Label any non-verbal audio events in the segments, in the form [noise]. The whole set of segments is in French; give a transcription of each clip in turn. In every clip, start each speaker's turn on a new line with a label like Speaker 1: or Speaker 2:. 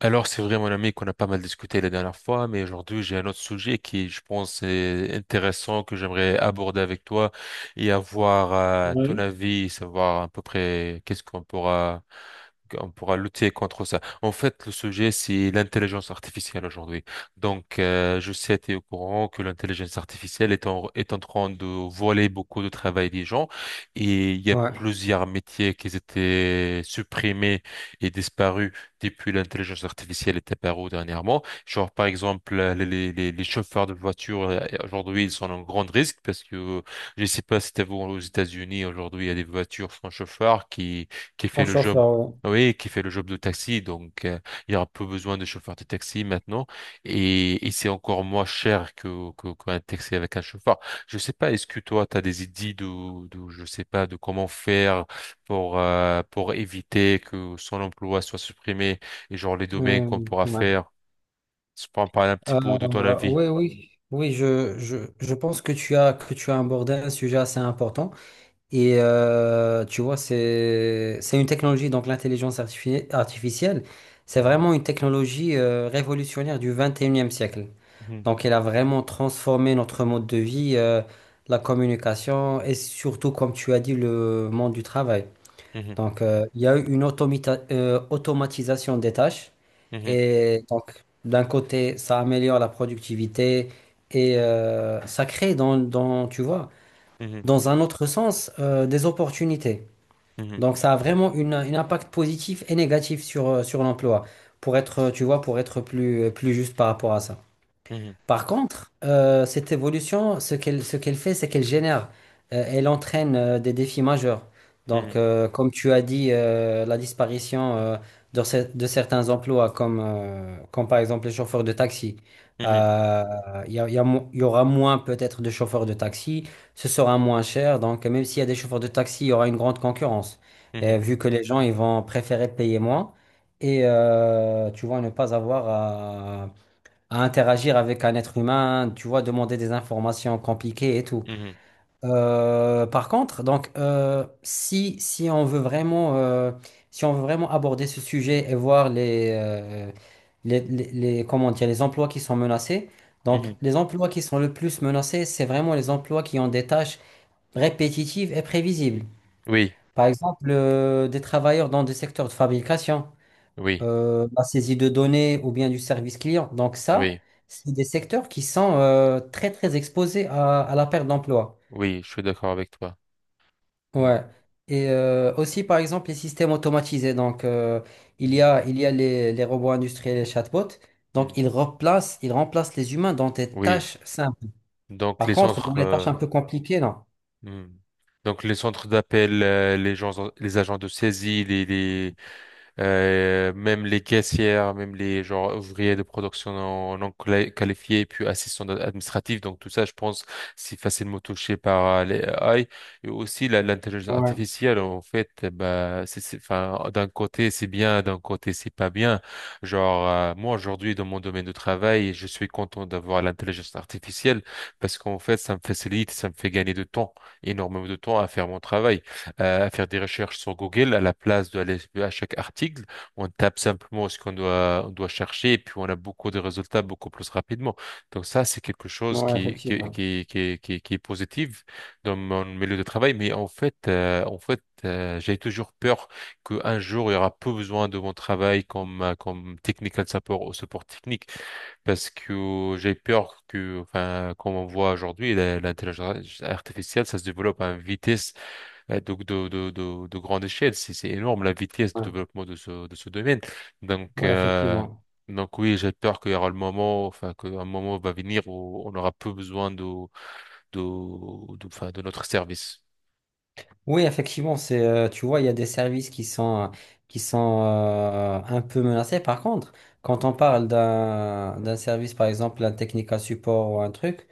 Speaker 1: Alors, c'est vrai, mon ami, qu'on a pas mal discuté la dernière fois, mais aujourd'hui, j'ai un autre sujet qui, je pense, est intéressant, que j'aimerais aborder avec toi et avoir ton
Speaker 2: Oui,
Speaker 1: avis, savoir à peu près qu'est-ce qu'on pourra lutter contre ça. En fait, le sujet, c'est l'intelligence artificielle aujourd'hui. Donc, je sais, tu es au courant que l'intelligence artificielle est en train de voler beaucoup de travail des gens et il y a
Speaker 2: ouais.
Speaker 1: plusieurs métiers qui étaient supprimés et disparus depuis l'intelligence artificielle est apparue dernièrement. Genre, par exemple, les chauffeurs de voitures, aujourd'hui, ils sont en grand risque parce que je ne sais pas si t'as vu aux États-Unis, aujourd'hui, il y a des voitures sans chauffeur qui fait
Speaker 2: Son
Speaker 1: le job.
Speaker 2: chauffeur, ouais.
Speaker 1: Oui, qui fait le job de taxi, donc il y aura peu besoin de chauffeurs de taxi maintenant, et c'est encore moins cher que qu'un taxi avec un chauffeur. Je sais pas, est-ce que toi, tu as des idées de, je sais pas, de comment faire pour éviter que son emploi soit supprimé et genre les domaines
Speaker 2: Euh,
Speaker 1: qu'on pourra
Speaker 2: ouais.
Speaker 1: faire. Je prends par un petit peu de ton avis.
Speaker 2: Oui, oui, oui, je pense que tu as abordé un sujet assez important. Tu vois, c'est une technologie, donc l'intelligence artificielle, c'est vraiment une technologie révolutionnaire du 21e siècle.
Speaker 1: Mhm,
Speaker 2: Donc, elle a vraiment transformé notre mode de vie, la communication et surtout, comme tu as dit, le monde du travail.
Speaker 1: mhm,
Speaker 2: Il y a eu automatisation des tâches.
Speaker 1: mhm,
Speaker 2: Et donc, d'un côté, ça améliore la productivité et ça crée dans, dans, tu vois,
Speaker 1: mhm,
Speaker 2: dans un autre sens, des opportunités.
Speaker 1: mhm,
Speaker 2: Donc, ça a vraiment un impact positif et négatif sur, sur l'emploi, pour être, tu vois, pour être plus juste par rapport à ça.
Speaker 1: mhm,
Speaker 2: Par contre, cette évolution, ce qu'elle fait, c'est qu'elle génère, elle entraîne des défis majeurs.
Speaker 1: mhm,
Speaker 2: Donc, comme tu as dit, la disparition de certains emplois, comme, comme par exemple les chauffeurs de taxi.
Speaker 1: mhm,
Speaker 2: Euh, il y a mo- il y aura moins peut-être de chauffeurs de taxi, ce sera moins cher. Donc, même s'il y a des chauffeurs de taxi, il y aura une grande concurrence.
Speaker 1: mhm,
Speaker 2: Vu que les gens ils vont préférer payer moins et tu vois, ne pas avoir à interagir avec un être humain, tu vois, demander des informations compliquées et tout.
Speaker 1: mhm,
Speaker 2: Par contre, si on veut vraiment, si on veut vraiment aborder ce sujet et voir comment dire, les emplois qui sont menacés,
Speaker 1: mhm,
Speaker 2: donc,
Speaker 1: mhm.
Speaker 2: les emplois qui sont le plus menacés, c'est vraiment les emplois qui ont des tâches répétitives et prévisibles.
Speaker 1: Oui,
Speaker 2: Par exemple, des travailleurs dans des secteurs de fabrication,
Speaker 1: oui,
Speaker 2: la saisie de données ou bien du service client. Donc ça,
Speaker 1: oui,
Speaker 2: c'est des secteurs qui sont très très exposés à la perte d'emploi.
Speaker 1: oui, je suis d'accord avec toi. Mhm,
Speaker 2: Ouais. Et aussi par exemple les systèmes automatisés. Donc
Speaker 1: mhm,
Speaker 2: il y a les robots industriels, les chatbots. Donc
Speaker 1: mhm.
Speaker 2: ils remplacent les humains dans des
Speaker 1: Oui,
Speaker 2: tâches simples.
Speaker 1: donc
Speaker 2: Par
Speaker 1: les
Speaker 2: contre, dans
Speaker 1: centres,
Speaker 2: les tâches un peu compliquées, non.
Speaker 1: mhm. Donc les centres d'appel, les gens, les agents de saisie, les même les caissières, même les genre ouvriers de production non qualifiés, puis assistants administratifs. Donc tout ça, je pense, c'est facilement touché par les AI. Et aussi l'intelligence
Speaker 2: Ouais,
Speaker 1: artificielle, en fait, bah, enfin, d'un côté c'est bien, d'un côté c'est pas bien. Genre moi aujourd'hui dans mon domaine de travail, je suis content d'avoir l'intelligence artificielle parce qu'en fait ça me facilite, ça me fait gagner de temps, énormément de temps à faire mon travail à faire des recherches sur Google à la place de aller à chaque article. On tape simplement ce qu'on doit, on doit chercher et puis on a beaucoup de résultats beaucoup plus rapidement. Donc ça, c'est quelque chose
Speaker 2: ouais,
Speaker 1: qui, qui,
Speaker 2: effectivement.
Speaker 1: qui, qui, qui, qui est positif dans mon milieu de travail. Mais en fait, j'ai toujours peur qu'un jour, il y aura peu besoin de mon travail comme, comme technical support ou support technique parce que j'ai peur que, enfin, comme on voit aujourd'hui, l'intelligence artificielle, ça se développe à une vitesse. Ouais, donc de grande échelle, c'est énorme la vitesse de
Speaker 2: Ouais,
Speaker 1: développement de ce domaine. Donc,
Speaker 2: ouais,
Speaker 1: euh,
Speaker 2: effectivement.
Speaker 1: donc oui, j'ai peur qu'il y aura le moment, enfin, qu'un moment va venir où on aura peu besoin de, enfin, de notre service.
Speaker 2: Oui, effectivement, c'est, tu vois, il y a des services qui sont un peu menacés. Par contre, quand on parle d'un service, par exemple, un Technica Support ou un truc,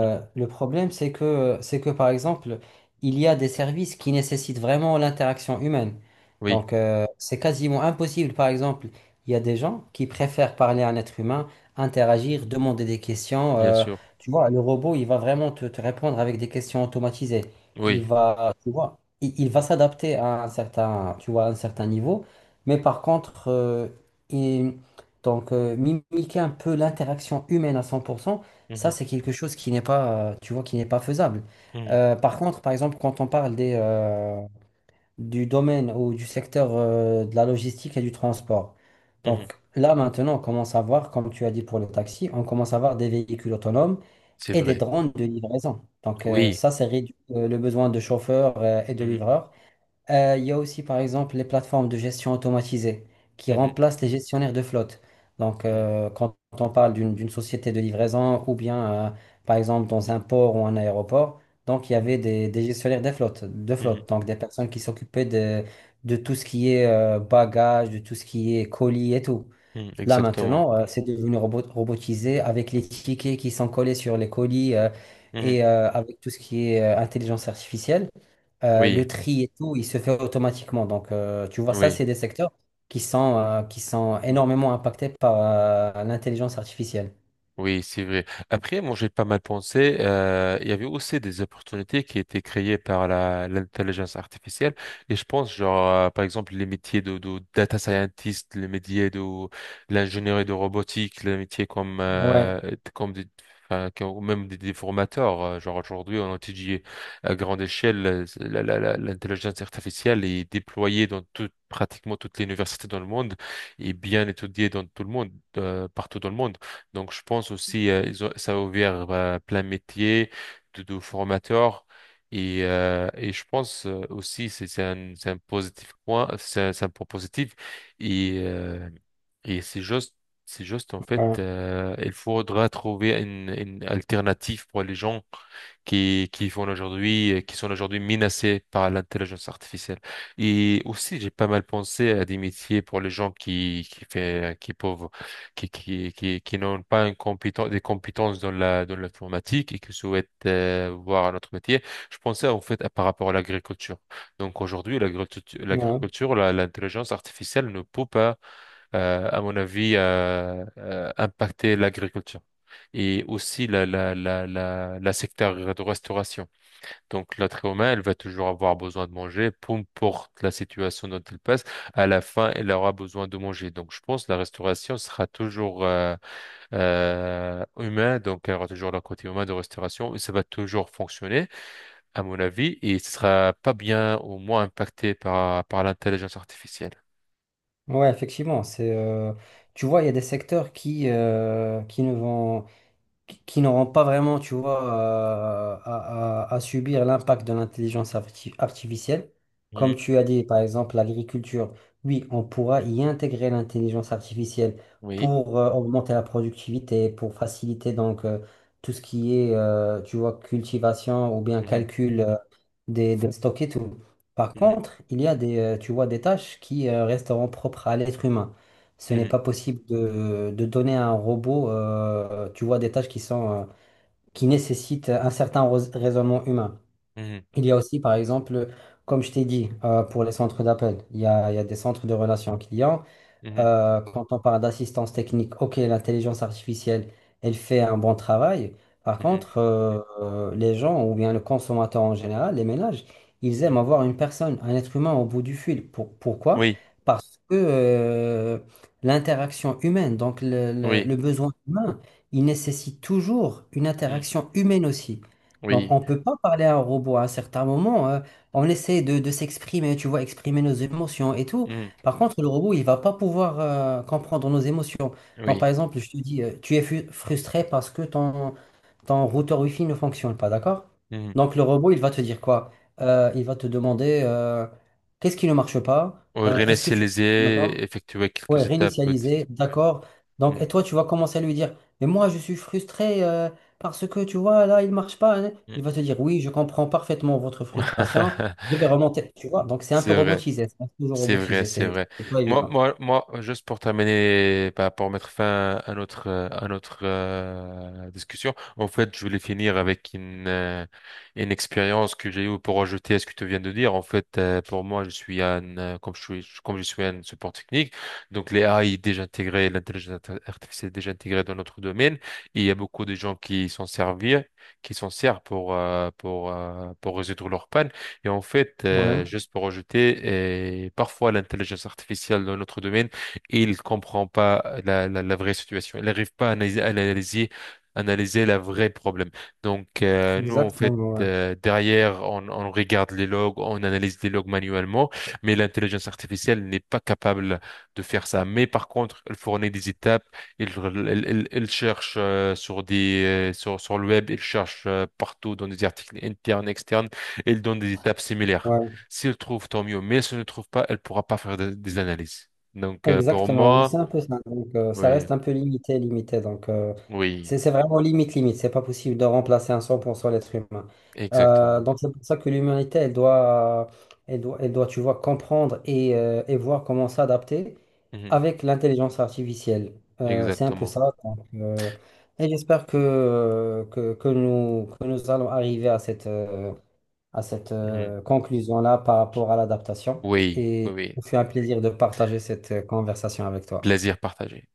Speaker 1: Mhm.
Speaker 2: le problème, c'est c'est que par exemple, il y a des services qui nécessitent vraiment l'interaction humaine.
Speaker 1: Oui,
Speaker 2: Donc, c'est quasiment impossible. Par exemple, il y a des gens qui préfèrent parler à un être humain, interagir, demander des questions.
Speaker 1: bien sûr.
Speaker 2: Tu vois, le robot, il va vraiment te répondre avec des questions automatisées. Il
Speaker 1: Oui.
Speaker 2: va, tu vois, il va
Speaker 1: Mhm,
Speaker 2: s'adapter à un certain, tu vois, à un certain niveau. Mais par contre, il- mimiquer un peu l'interaction humaine à 100%, ça,
Speaker 1: mhm,
Speaker 2: c'est quelque chose qui n'est pas, tu vois, qui n'est pas faisable. Par contre, par exemple, quand on parle du domaine ou du secteur de la logistique et du transport,
Speaker 1: mhm, mhm.
Speaker 2: donc là maintenant, on commence à voir, comme tu as dit pour le taxi, on commence à voir des véhicules autonomes
Speaker 1: C'est
Speaker 2: et des
Speaker 1: vrai.
Speaker 2: drones de livraison.
Speaker 1: Oui.
Speaker 2: Ça, c'est réduit le besoin de chauffeurs et de
Speaker 1: Mhm,
Speaker 2: livreurs. Il y a aussi, par exemple, les plateformes de gestion automatisée qui
Speaker 1: mhm,
Speaker 2: remplacent les gestionnaires de flotte. Donc,
Speaker 1: mhm,
Speaker 2: quand on parle d'une société de livraison ou bien, par exemple, dans un port ou un aéroport, donc il y avait des gestionnaires de flotte, de
Speaker 1: mhm, mhm,
Speaker 2: flotte, donc des personnes qui s'occupaient de tout ce qui est bagages, de tout ce qui est colis et tout.
Speaker 1: mhm.
Speaker 2: Là,
Speaker 1: Exactement.
Speaker 2: maintenant, c'est devenu robotisé avec les tickets qui sont collés sur les colis,
Speaker 1: Mhm.
Speaker 2: et avec tout ce qui est intelligence artificielle.
Speaker 1: Oui,
Speaker 2: Le tri et tout, il se fait automatiquement. Donc, tu vois, ça, c'est des secteurs qui sont
Speaker 1: oui.
Speaker 2: énormément impactés par l'intelligence artificielle.
Speaker 1: Oui, c'est vrai. Après, moi, j'ai pas mal pensé. Il y avait aussi des opportunités qui étaient créées par la l'intelligence artificielle. Et je pense, genre, par exemple, les métiers de data scientist, les métiers de l'ingénierie de robotique, les métiers comme
Speaker 2: Ouais,
Speaker 1: euh, comme enfin, même des formateurs. Genre aujourd'hui, on étudie à grande échelle l'intelligence artificielle est déployée dans pratiquement toutes les universités dans le monde et bien étudiée dans tout le monde, partout dans le monde. Donc, je pense aussi, ça a ouvert plein de métiers de formateurs. Et, je pense aussi, c'est un point positif. Et, euh, et, c'est juste, en fait,
Speaker 2: ouais,
Speaker 1: il faudra trouver une alternative pour les gens qui sont aujourd'hui menacés par l'intelligence artificielle. Et aussi, j'ai pas mal pensé à des métiers pour les gens qui fait, qui peuvent qui n'ont pas une des compétences dans l'informatique et qui souhaitent voir un autre métier. Je pensais en fait par rapport à l'agriculture. Donc aujourd'hui, l'agriculture,
Speaker 2: ouais,
Speaker 1: l'agriculture, l'intelligence artificielle ne peut pas, à mon avis, impacter l'agriculture. Et aussi la secteur de restauration. Donc, l'être humain, elle va toujours avoir besoin de manger, peu importe la situation dont elle passe, à la fin, elle aura besoin de manger. Donc, je pense que la restauration sera toujours humain, donc elle aura toujours le côté humain de restauration, et ça va toujours fonctionner, à mon avis, et ce sera pas bien ou moins impacté par l'intelligence artificielle.
Speaker 2: ouais, effectivement. C'est, tu vois, il y a des secteurs qui ne vont... qui n'auront pas vraiment, tu vois, à subir l'impact de l'intelligence artificielle. Comme
Speaker 1: Mhm.
Speaker 2: tu as dit, par exemple, l'agriculture, oui, on pourra y intégrer l'intelligence artificielle
Speaker 1: Oui.
Speaker 2: pour augmenter la productivité, pour faciliter donc tout ce qui est, tu vois, cultivation ou bien
Speaker 1: Mhm.
Speaker 2: calcul des stocks et tout. Par contre, il y a tu vois, des tâches qui resteront propres à l'être humain. Ce n'est
Speaker 1: Mhm.
Speaker 2: pas possible de donner à un robot, tu vois, des tâches qui sont, qui nécessitent un certain raisonnement humain.
Speaker 1: Mhm.
Speaker 2: Il y a aussi, par exemple, comme je t'ai dit, pour les centres d'appel, il y a des centres de relations clients.
Speaker 1: Mhm. Mhm.
Speaker 2: Quand on parle d'assistance technique, ok, l'intelligence artificielle, elle fait un bon travail. Par
Speaker 1: Mhm.
Speaker 2: contre, les gens, ou bien le consommateur en général, les ménages, ils aiment
Speaker 1: Mhm.
Speaker 2: avoir une personne, un être humain au bout du fil. Pourquoi?
Speaker 1: Oui,
Speaker 2: Parce que l'interaction humaine, donc
Speaker 1: oui,
Speaker 2: le besoin humain, il nécessite toujours une
Speaker 1: Mhm.
Speaker 2: interaction humaine aussi. Donc,
Speaker 1: Oui,
Speaker 2: on ne peut pas parler à un robot à un certain moment. On essaie de s'exprimer, tu vois, exprimer nos émotions et tout.
Speaker 1: Mhm.
Speaker 2: Par contre, le robot, il va pas pouvoir comprendre nos émotions. Donc,
Speaker 1: Oui.
Speaker 2: par exemple, je te dis, tu es frustré parce que ton routeur Wi-Fi ne fonctionne pas, d'accord?
Speaker 1: Mhm.
Speaker 2: Donc, le robot, il va te dire quoi? Il va te demander qu'est-ce qui ne marche pas? Est-ce que tu...
Speaker 1: Réinitialiser,
Speaker 2: D'accord?
Speaker 1: effectuer
Speaker 2: Ouais,
Speaker 1: quelques étapes, peut-être.
Speaker 2: réinitialiser, d'accord. Donc,
Speaker 1: Hmm.
Speaker 2: et toi, tu vas commencer à lui dire, mais moi, je suis frustré parce que, tu vois, là, il marche pas, hein.
Speaker 1: Hmm.
Speaker 2: Il va te dire, oui, je comprends parfaitement votre frustration. Je vais
Speaker 1: [laughs]
Speaker 2: remonter, tu vois. Donc, c'est un peu
Speaker 1: C'est vrai.
Speaker 2: robotisé, c'est toujours
Speaker 1: C'est vrai,
Speaker 2: robotisé,
Speaker 1: c'est vrai.
Speaker 2: c'est pas
Speaker 1: Moi,
Speaker 2: évident.
Speaker 1: moi, moi, juste pour terminer, bah, pour mettre fin à notre discussion, en fait, je voulais finir avec une expérience que j'ai eue pour ajouter à ce que tu viens de dire. En fait, pour moi, comme je suis un support technique, donc les AI déjà intégrés, l'intelligence artificielle déjà intégrée dans notre domaine, et il y a beaucoup de gens qui s'en servent pour, pour résoudre leurs pannes. Et en fait,
Speaker 2: Ouais,
Speaker 1: juste pour ajouter, parfois l'intelligence artificielle dans notre domaine, il comprend pas la vraie situation. Il n'arrive pas à analyser la vraie problème. Donc, nous, en
Speaker 2: exactement,
Speaker 1: fait,
Speaker 2: ouais.
Speaker 1: derrière, on regarde les logs, on analyse les logs manuellement, mais l'intelligence artificielle n'est pas capable de faire ça. Mais par contre, elle fournit des étapes, elle, elle cherche sur le web, elle cherche partout dans des articles internes, externes. Elle donne des étapes similaires.
Speaker 2: Ouais.
Speaker 1: Si elle trouve, tant mieux. Mais si elle ne trouve pas, elle pourra pas faire des analyses. Donc, pour
Speaker 2: Exactement, oui, c'est
Speaker 1: moi,
Speaker 2: un peu ça. Donc, ça
Speaker 1: oui,
Speaker 2: reste un peu limité. Donc,
Speaker 1: oui,
Speaker 2: c'est vraiment limite. C'est pas possible de remplacer à 100% l'être humain.
Speaker 1: exactement.
Speaker 2: Donc, c'est pour ça que l'humanité, elle doit, tu vois, comprendre et voir comment s'adapter
Speaker 1: Mhm,
Speaker 2: avec l'intelligence artificielle. C'est un peu
Speaker 1: Exactement.
Speaker 2: ça. Donc, et j'espère que nous allons arriver à cette
Speaker 1: Mhm.
Speaker 2: conclusion-là par rapport à l'adaptation.
Speaker 1: Oui, oui,
Speaker 2: Et
Speaker 1: oui.
Speaker 2: ce fait un plaisir de partager cette conversation avec toi.
Speaker 1: Plaisir partagé.